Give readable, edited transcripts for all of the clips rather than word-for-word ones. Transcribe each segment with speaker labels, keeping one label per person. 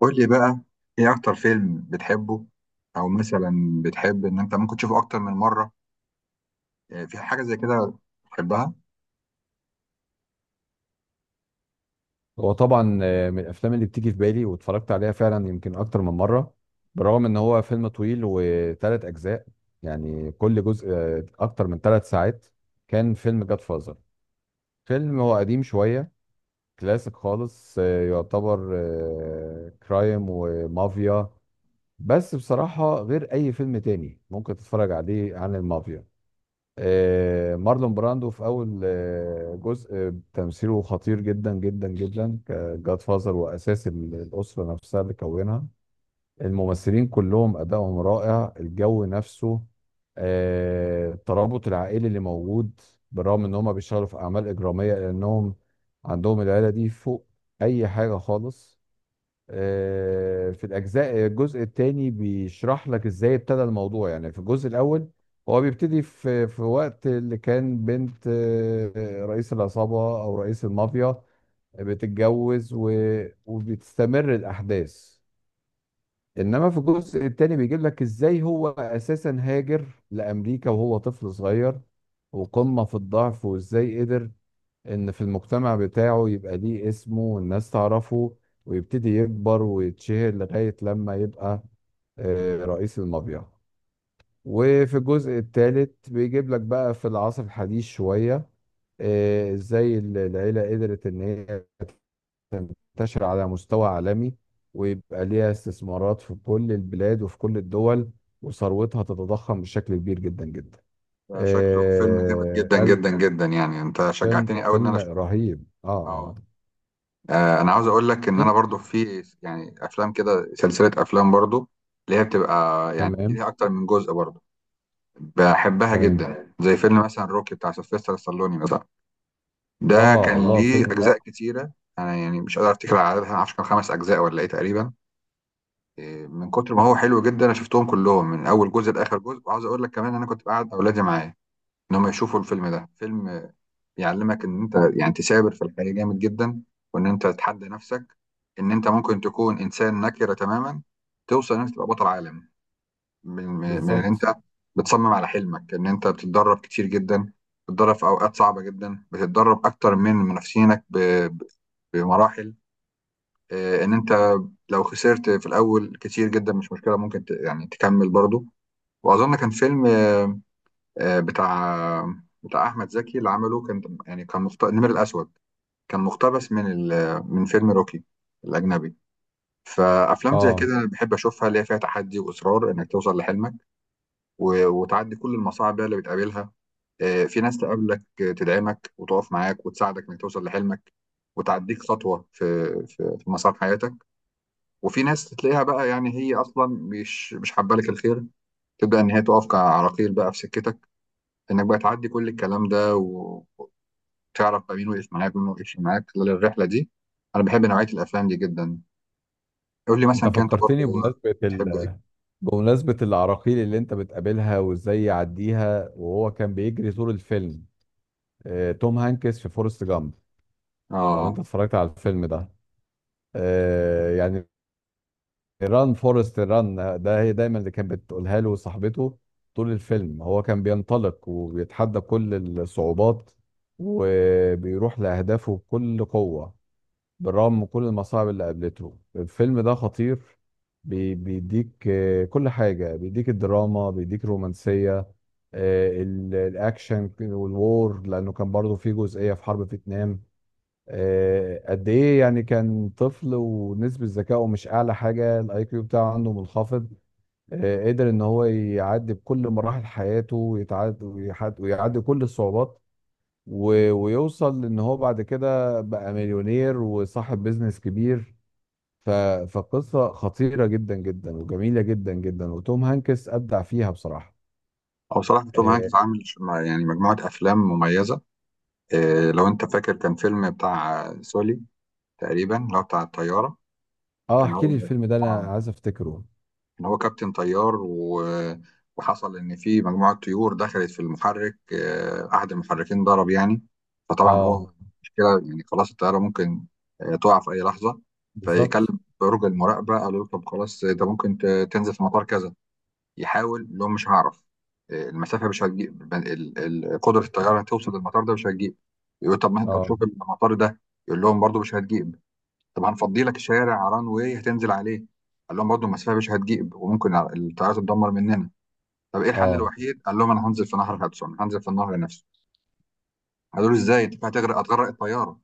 Speaker 1: قول لي بقى، ايه اكتر فيلم بتحبه؟ او مثلا بتحب ان انت ممكن تشوفه اكتر من مره؟ يعني في حاجه زي كده بتحبها؟
Speaker 2: هو طبعا من الافلام اللي بتيجي في بالي واتفرجت عليها فعلا يمكن اكتر من مره. بالرغم ان هو فيلم طويل وثلاث اجزاء، يعني كل جزء اكتر من 3 ساعات. كان فيلم جاد فازر، فيلم هو قديم شويه، كلاسيك خالص، يعتبر كرايم ومافيا. بس بصراحه غير اي فيلم تاني ممكن تتفرج عليه عن المافيا. مارلون براندو في اول جزء، تمثيله خطير جدا جدا جدا كجاد فازر، واساس الاسره نفسها اللي كونها. الممثلين كلهم ادائهم رائع، الجو نفسه، الترابط العائلي اللي موجود بالرغم ان هم بيشتغلوا في اعمال اجراميه، لانهم عندهم العيله دي فوق اي حاجه خالص. في الجزء الثاني بيشرح لك ازاي ابتدى الموضوع. يعني في الجزء الاول هو بيبتدي في وقت اللي كان بنت رئيس العصابة او رئيس المافيا بتتجوز، وبتستمر الاحداث. انما في الجزء الثاني بيجيب لك ازاي هو اساسا هاجر لامريكا وهو طفل صغير وقمة في الضعف، وازاي قدر ان في المجتمع بتاعه يبقى ليه اسمه والناس تعرفه، ويبتدي يكبر ويتشهر لغاية لما يبقى رئيس المافيا. وفي الجزء الثالث بيجيب لك بقى في العصر الحديث شوية ازاي العيلة قدرت ان هي تنتشر على مستوى عالمي، ويبقى ليها استثمارات في كل البلاد وفي كل الدول، وثروتها تتضخم بشكل كبير جدا جدا.
Speaker 1: ده شكله فيلم جامد
Speaker 2: آه،
Speaker 1: جدا
Speaker 2: قال-
Speaker 1: جدا جدا، يعني انت
Speaker 2: فيلم
Speaker 1: شجعتني قوي ان انا
Speaker 2: فيلم
Speaker 1: اشوفه.
Speaker 2: رهيب.
Speaker 1: اه.
Speaker 2: اه.
Speaker 1: انا عاوز اقول لك ان
Speaker 2: اه.
Speaker 1: انا برضو في يعني افلام كده، سلسله افلام برضو اللي هي بتبقى يعني
Speaker 2: تمام.
Speaker 1: فيها اكتر من جزء برضو، بحبها
Speaker 2: تمام.
Speaker 1: جدا. زي فيلم مثلا روكي بتاع سيلفستر ستالوني مثلا، ده
Speaker 2: الله
Speaker 1: كان
Speaker 2: الله،
Speaker 1: ليه
Speaker 2: فيلم
Speaker 1: اجزاء
Speaker 2: رائع.
Speaker 1: كتيره. انا يعني مش قادر افتكر عددها، معرفش كان خمس اجزاء ولا ايه تقريبا. إيه، من كتر ما هو حلو جدا انا شفتهم كلهم من اول جزء لاخر جزء، وعاوز اقول لك كمان إن انا كنت بقعد اولادي معايا ان هم يشوفوا الفيلم ده. فيلم بيعلمك ان انت يعني تثابر في الحياة جامد جدا، وان انت تتحدى نفسك، ان انت ممكن تكون انسان نكرة تماما توصل ان انت تبقى بطل عالم. من ان
Speaker 2: بالظبط.
Speaker 1: انت بتصمم على حلمك، ان انت بتتدرب كتير جدا، بتتدرب في اوقات صعبة جدا، بتتدرب اكتر من منافسينك ب- بمراحل. إيه، ان انت لو خسرت في الاول كتير جدا مش مشكله، ممكن يعني تكمل برضو. واظن كان فيلم آه، بتاع بتاع احمد زكي اللي عمله، كان يعني النمر الاسود. كان مقتبس من من فيلم روكي الاجنبي. فافلام زي كده
Speaker 2: اه.
Speaker 1: انا بحب اشوفها، اللي هي فيها تحدي واصرار انك توصل لحلمك. وتعدي كل المصاعب بقى اللي بتقابلها. في ناس تقابلك، تدعمك وتقف معاك وتساعدك انك توصل لحلمك وتعديك خطوه في مسار حياتك. وفي ناس تلاقيها بقى يعني هي اصلا مش حابه لك الخير، تبدا ان هي تقف كعراقيل بقى في سكتك انك بقى تعدي كل الكلام ده وتعرف بقى مين وقف معاك مين وقفش معاك خلال الرحله دي. انا بحب نوعيه الافلام دي جدا. قول لي
Speaker 2: انت
Speaker 1: مثلا كنت برضو
Speaker 2: فكرتني
Speaker 1: بتحب ايه؟
Speaker 2: بمناسبة العراقيل اللي انت بتقابلها وازاي يعديها، وهو كان بيجري طول الفيلم. توم هانكس في فورست جامب. لو
Speaker 1: اه.
Speaker 2: انت اتفرجت على الفيلم ده، يعني ران فورست ران، ده هي دايما اللي كانت بتقولها له صاحبته. طول الفيلم هو كان بينطلق وبيتحدى كل الصعوبات، وبيروح لأهدافه بكل قوة بالرغم من كل المصاعب اللي قابلته. الفيلم ده خطير، بيديك كل حاجة، بيديك الدراما، بيديك الرومانسية، الأكشن والوور لأنه كان برضه فيه جزئية في حرب فيتنام. قد إيه يعني، كان طفل ونسبة ذكائه مش أعلى حاجة، الأي كيو بتاعه عنده منخفض. قدر إن هو يعدي بكل مراحل حياته، ويعدي كل الصعوبات، ويوصل إن هو بعد كده بقى مليونير وصاحب بيزنس كبير. ف... فقصة خطيرة جدا جدا وجميلة جدا جدا، وتوم هانكس أبدع فيها بصراحة.
Speaker 1: او بصراحه توم
Speaker 2: اه.
Speaker 1: هانكس عامل يعني مجموعه افلام مميزه. إيه لو انت فاكر كان فيلم بتاع سولي تقريبا، اللي هو بتاع الطياره. كان
Speaker 2: احكي لي
Speaker 1: هو
Speaker 2: الفيلم ده، انا عايز افتكره.
Speaker 1: ان هو كابتن طيار وحصل ان في مجموعه طيور دخلت في المحرك، احد المحركين ضرب يعني. فطبعا هو
Speaker 2: اه.
Speaker 1: مشكله يعني خلاص الطياره ممكن تقع في اي لحظه.
Speaker 2: بالظبط.
Speaker 1: فيكلم برج المراقبه، قالوا له طب خلاص ده ممكن تنزل في مطار كذا. يحاول يقول لهم مش هعرف، المسافه مش هتجيب، قدره الطياره توصل للمطار ده مش هتجيب. يقول طب ما انت
Speaker 2: اه.
Speaker 1: تشوف المطار ده. يقول لهم برضو مش هتجيب. طب هنفضي لك شارع ران واي هتنزل عليه. قال لهم برضه المسافه مش هتجيب وممكن الطيارات تدمر مننا. طب ايه الحل
Speaker 2: اه.
Speaker 1: الوحيد؟ قال لهم انا هنزل في نهر هدسون، هنزل في النهر نفسه. قالوا له ازاي؟ انت هتغرق، هتغرق الطياره.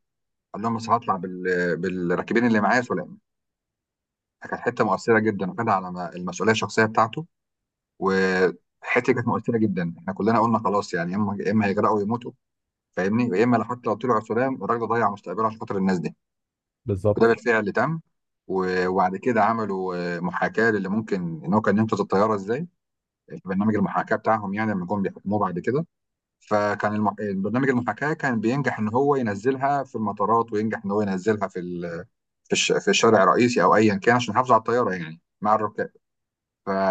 Speaker 1: قال لهم بس هطلع بالراكبين اللي معايا سلام. كانت حته مؤثره جدا وخدها على المسؤوليه الشخصيه بتاعته. وحته كانت مؤثره جدا، احنا كلنا قلنا خلاص يعني يا اما يا اما هيغرقوا ويموتوا. فاهمني، يا اما لو حتى لو طلعوا سلام الراجل ده ضيع مستقبله عشان خاطر الناس دي. وده
Speaker 2: بالظبط.
Speaker 1: بالفعل تم. وبعد كده عملوا محاكاة للي ممكن ان هو كان ينقذ الطيارة ازاي. برنامج المحاكاة بتاعهم يعني لما جم بيحكموه بعد كده، فكان برنامج المحاكاة كان بينجح ان هو ينزلها في المطارات، وينجح ان هو ينزلها في الشارع الرئيسي او ايا كان عشان يحافظوا على الطيارة يعني مع الركاب.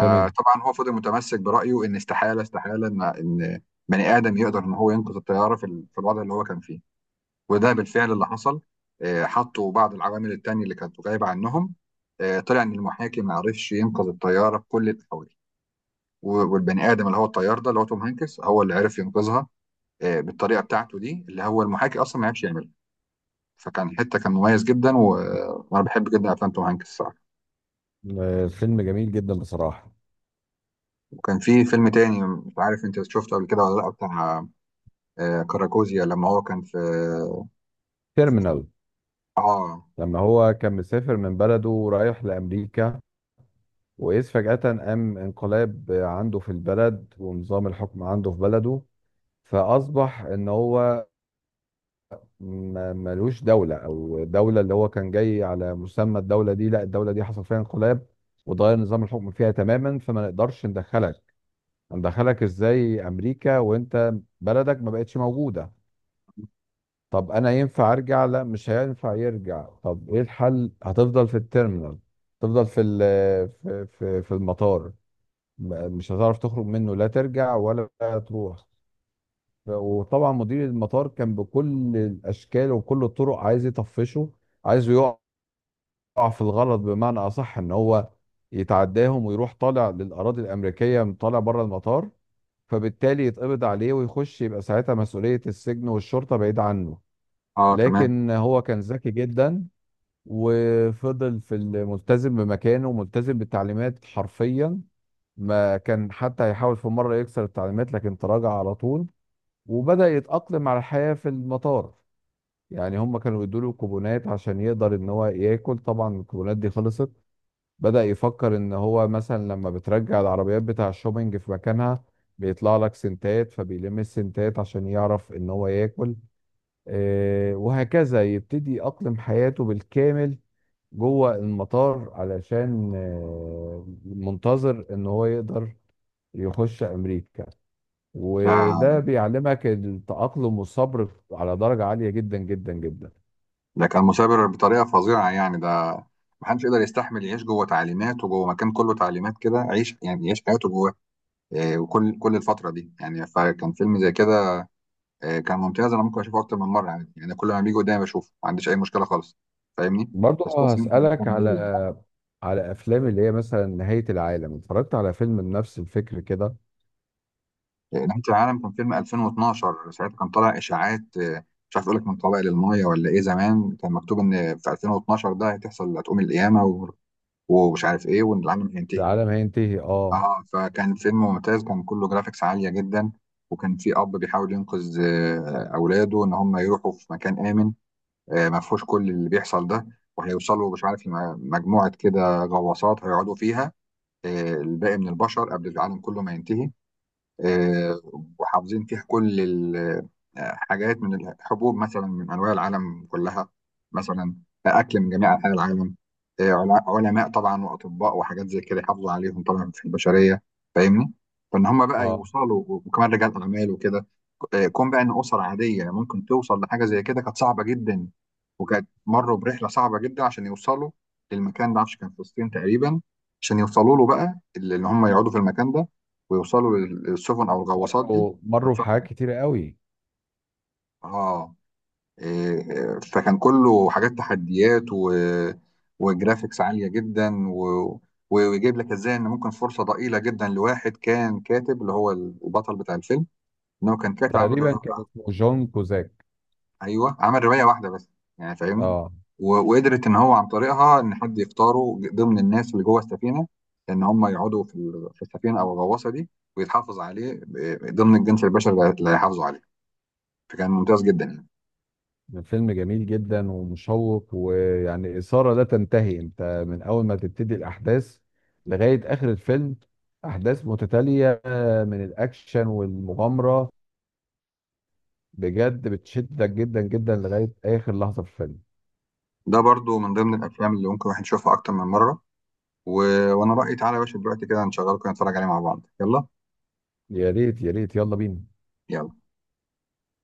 Speaker 2: تمام.
Speaker 1: هو فضل متمسك برأيه ان استحالة استحالة ان بني ادم يقدر ان هو ينقذ الطيارة في الوضع اللي هو كان فيه. وده بالفعل اللي حصل. حطوا بعض العوامل التانية اللي كانت غايبة عنهم. طلع ان المحاكي ما عرفش ينقذ الطيارة بكل الاحوال. والبني ادم اللي هو الطيار ده اللي هو توم هانكس هو اللي عرف ينقذها، بالطريقة بتاعته دي اللي هو المحاكي اصلا ما عرفش يعملها. فكان حتة كان مميز جدا وانا بحب جدا افلام توم هانكس الصراحة.
Speaker 2: فيلم جميل جدا بصراحة.
Speaker 1: وكان في فيلم تاني مش عارف انت شفته قبل كده ولا لا، بتاع كاراكوزيا لما هو كان في.
Speaker 2: تيرمينال.
Speaker 1: اه.
Speaker 2: لما هو كان مسافر من بلده ورايح لأمريكا، وإذ فجأة قام انقلاب عنده في البلد ونظام الحكم عنده في بلده، فأصبح إن هو ملوش دولة. أو دولة اللي هو كان جاي على مسمى الدولة دي، لا الدولة دي حصل فيها انقلاب وتغير نظام الحكم فيها تماما، فما نقدرش ندخلك. ندخلك ازاي أمريكا وأنت بلدك ما بقتش موجودة؟ طب أنا ينفع أرجع؟ لا مش هينفع يرجع. طب إيه الحل؟ هتفضل في التيرمينال، تفضل في في المطار، مش هتعرف تخرج منه، لا ترجع ولا تروح. وطبعا مدير المطار كان بكل الاشكال وكل الطرق عايز يطفشه، عايزه يقع في الغلط بمعنى اصح، ان هو يتعداهم ويروح طالع للاراضي الامريكيه، طالع بره المطار، فبالتالي يتقبض عليه ويخش، يبقى ساعتها مسؤوليه السجن والشرطه بعيد عنه.
Speaker 1: اه. آه، تمام.
Speaker 2: لكن هو كان ذكي جدا، وفضل في الملتزم بمكانه وملتزم بالتعليمات حرفيا. ما كان حتى يحاول في مره يكسر التعليمات، لكن تراجع على طول، وبدأ يتأقلم على الحياة في المطار. يعني هم كانوا يدوا له كوبونات عشان يقدر ان هو ياكل. طبعا الكوبونات دي خلصت، بدأ يفكر ان هو مثلا لما بترجع العربيات بتاع الشوبينج في مكانها بيطلع لك سنتات، فبيلم السنتات عشان يعرف ان هو ياكل. وهكذا يبتدي يأقلم حياته بالكامل جوه المطار، علشان منتظر ان هو يقدر يخش امريكا.
Speaker 1: ده
Speaker 2: وده بيعلمك التأقلم والصبر على درجة عالية جدا جدا جدا.
Speaker 1: كان مثابر بطريقه فظيعه يعني، ده محدش يقدر يستحمل يعيش جوه تعليمات وجوه مكان كله تعليمات كده، عيش يعني يعيش حياته جواه. وكل الفتره دي يعني فكان فيلم زي كده. كان ممتاز، انا ممكن اشوفه اكتر من مره يعني كل ما بيجي قدامي بشوفه ما عنديش اي مشكله خالص. فاهمني. بس
Speaker 2: برضه
Speaker 1: كويس ان انت
Speaker 2: هسألك
Speaker 1: بتتكلم
Speaker 2: على
Speaker 1: ليه.
Speaker 2: أفلام اللي هي مثلا نهاية العالم. اتفرجت على فيلم بنفس الفكر كده؟
Speaker 1: نهايه العالم كان فيلم 2012، ساعتها كان طالع اشاعات، مش عارف اقول لك من طبق للميه ولا ايه، زمان كان مكتوب ان في 2012 ده هتحصل، هتقوم القيامه ومش عارف ايه، وان العالم هينتهي.
Speaker 2: العالم هينتهي، اه.
Speaker 1: اه، فكان فيلم ممتاز، كان كله جرافيكس عالية جدا، وكان في أب بيحاول ينقذ أولاده، إن هم يروحوا في مكان آمن. ما فيهوش كل اللي بيحصل ده، وهيوصلوا مش عارف مجموعة كده غواصات هيقعدوا فيها، الباقي من البشر قبل العالم كله ما ينتهي. آه، وحافظين فيه كل الحاجات من الحبوب مثلا من انواع العالم كلها، مثلا اكل من جميع انحاء العالم، علماء طبعا واطباء وحاجات زي كده يحافظوا عليهم طبعا في البشريه. فاهمني. فان هم بقى
Speaker 2: اه،
Speaker 1: يوصلوا وكمان رجال اعمال وكده. كون بقى ان اسر عاديه ممكن توصل لحاجه زي كده كانت صعبه جدا، وكانت مروا برحله صعبه جدا عشان يوصلوا للمكان ده، معرفش كان في الصين تقريبا، عشان يوصلوا له بقى اللي هم يقعدوا في المكان ده، ويوصلوا للسفن او الغواصات دي.
Speaker 2: مروا
Speaker 1: كانت صعبة
Speaker 2: بحاجات
Speaker 1: جدا.
Speaker 2: كتيرة قوي.
Speaker 1: اه. إيه، فكان كله حاجات تحديات وجرافيكس عالية جدا، ويجيب لك ازاي ان ممكن فرصة ضئيلة جدا لواحد كان كاتب اللي هو البطل بتاع الفيلم، ان هو كان كاتب عامل
Speaker 2: تقريبا كان
Speaker 1: رواية.
Speaker 2: اسمه جون كوزاك.
Speaker 1: ايوه عمل رواية واحدة بس يعني، فاهمني.
Speaker 2: اه،
Speaker 1: وقدرت ان هو عن طريقها ان حد يختاره ضمن الناس اللي جوه السفينة، ان هم يقعدوا في السفينة او الغواصة دي، ويتحافظ عليه ضمن الجنس البشري اللي هيحافظوا عليه. فكان ممتاز جدا يعني.
Speaker 2: فيلم جميل جدا ومشوق، ويعني إثارة لا تنتهي. انت من اول ما تبتدي الاحداث لغاية اخر الفيلم، احداث متتالية من الاكشن والمغامرة، بجد بتشدك جدا جدا لغاية اخر لحظة في الفيلم.
Speaker 1: ده برضو من ضمن الافلام اللي ممكن الواحد يشوفها اكتر من مره. و... وانا رايي تعالى يا باشا دلوقتي كده نشغله كده نتفرج عليه مع بعض، يلا.
Speaker 2: يا ريت يا ريت، يلا بينا.
Speaker 1: يلا.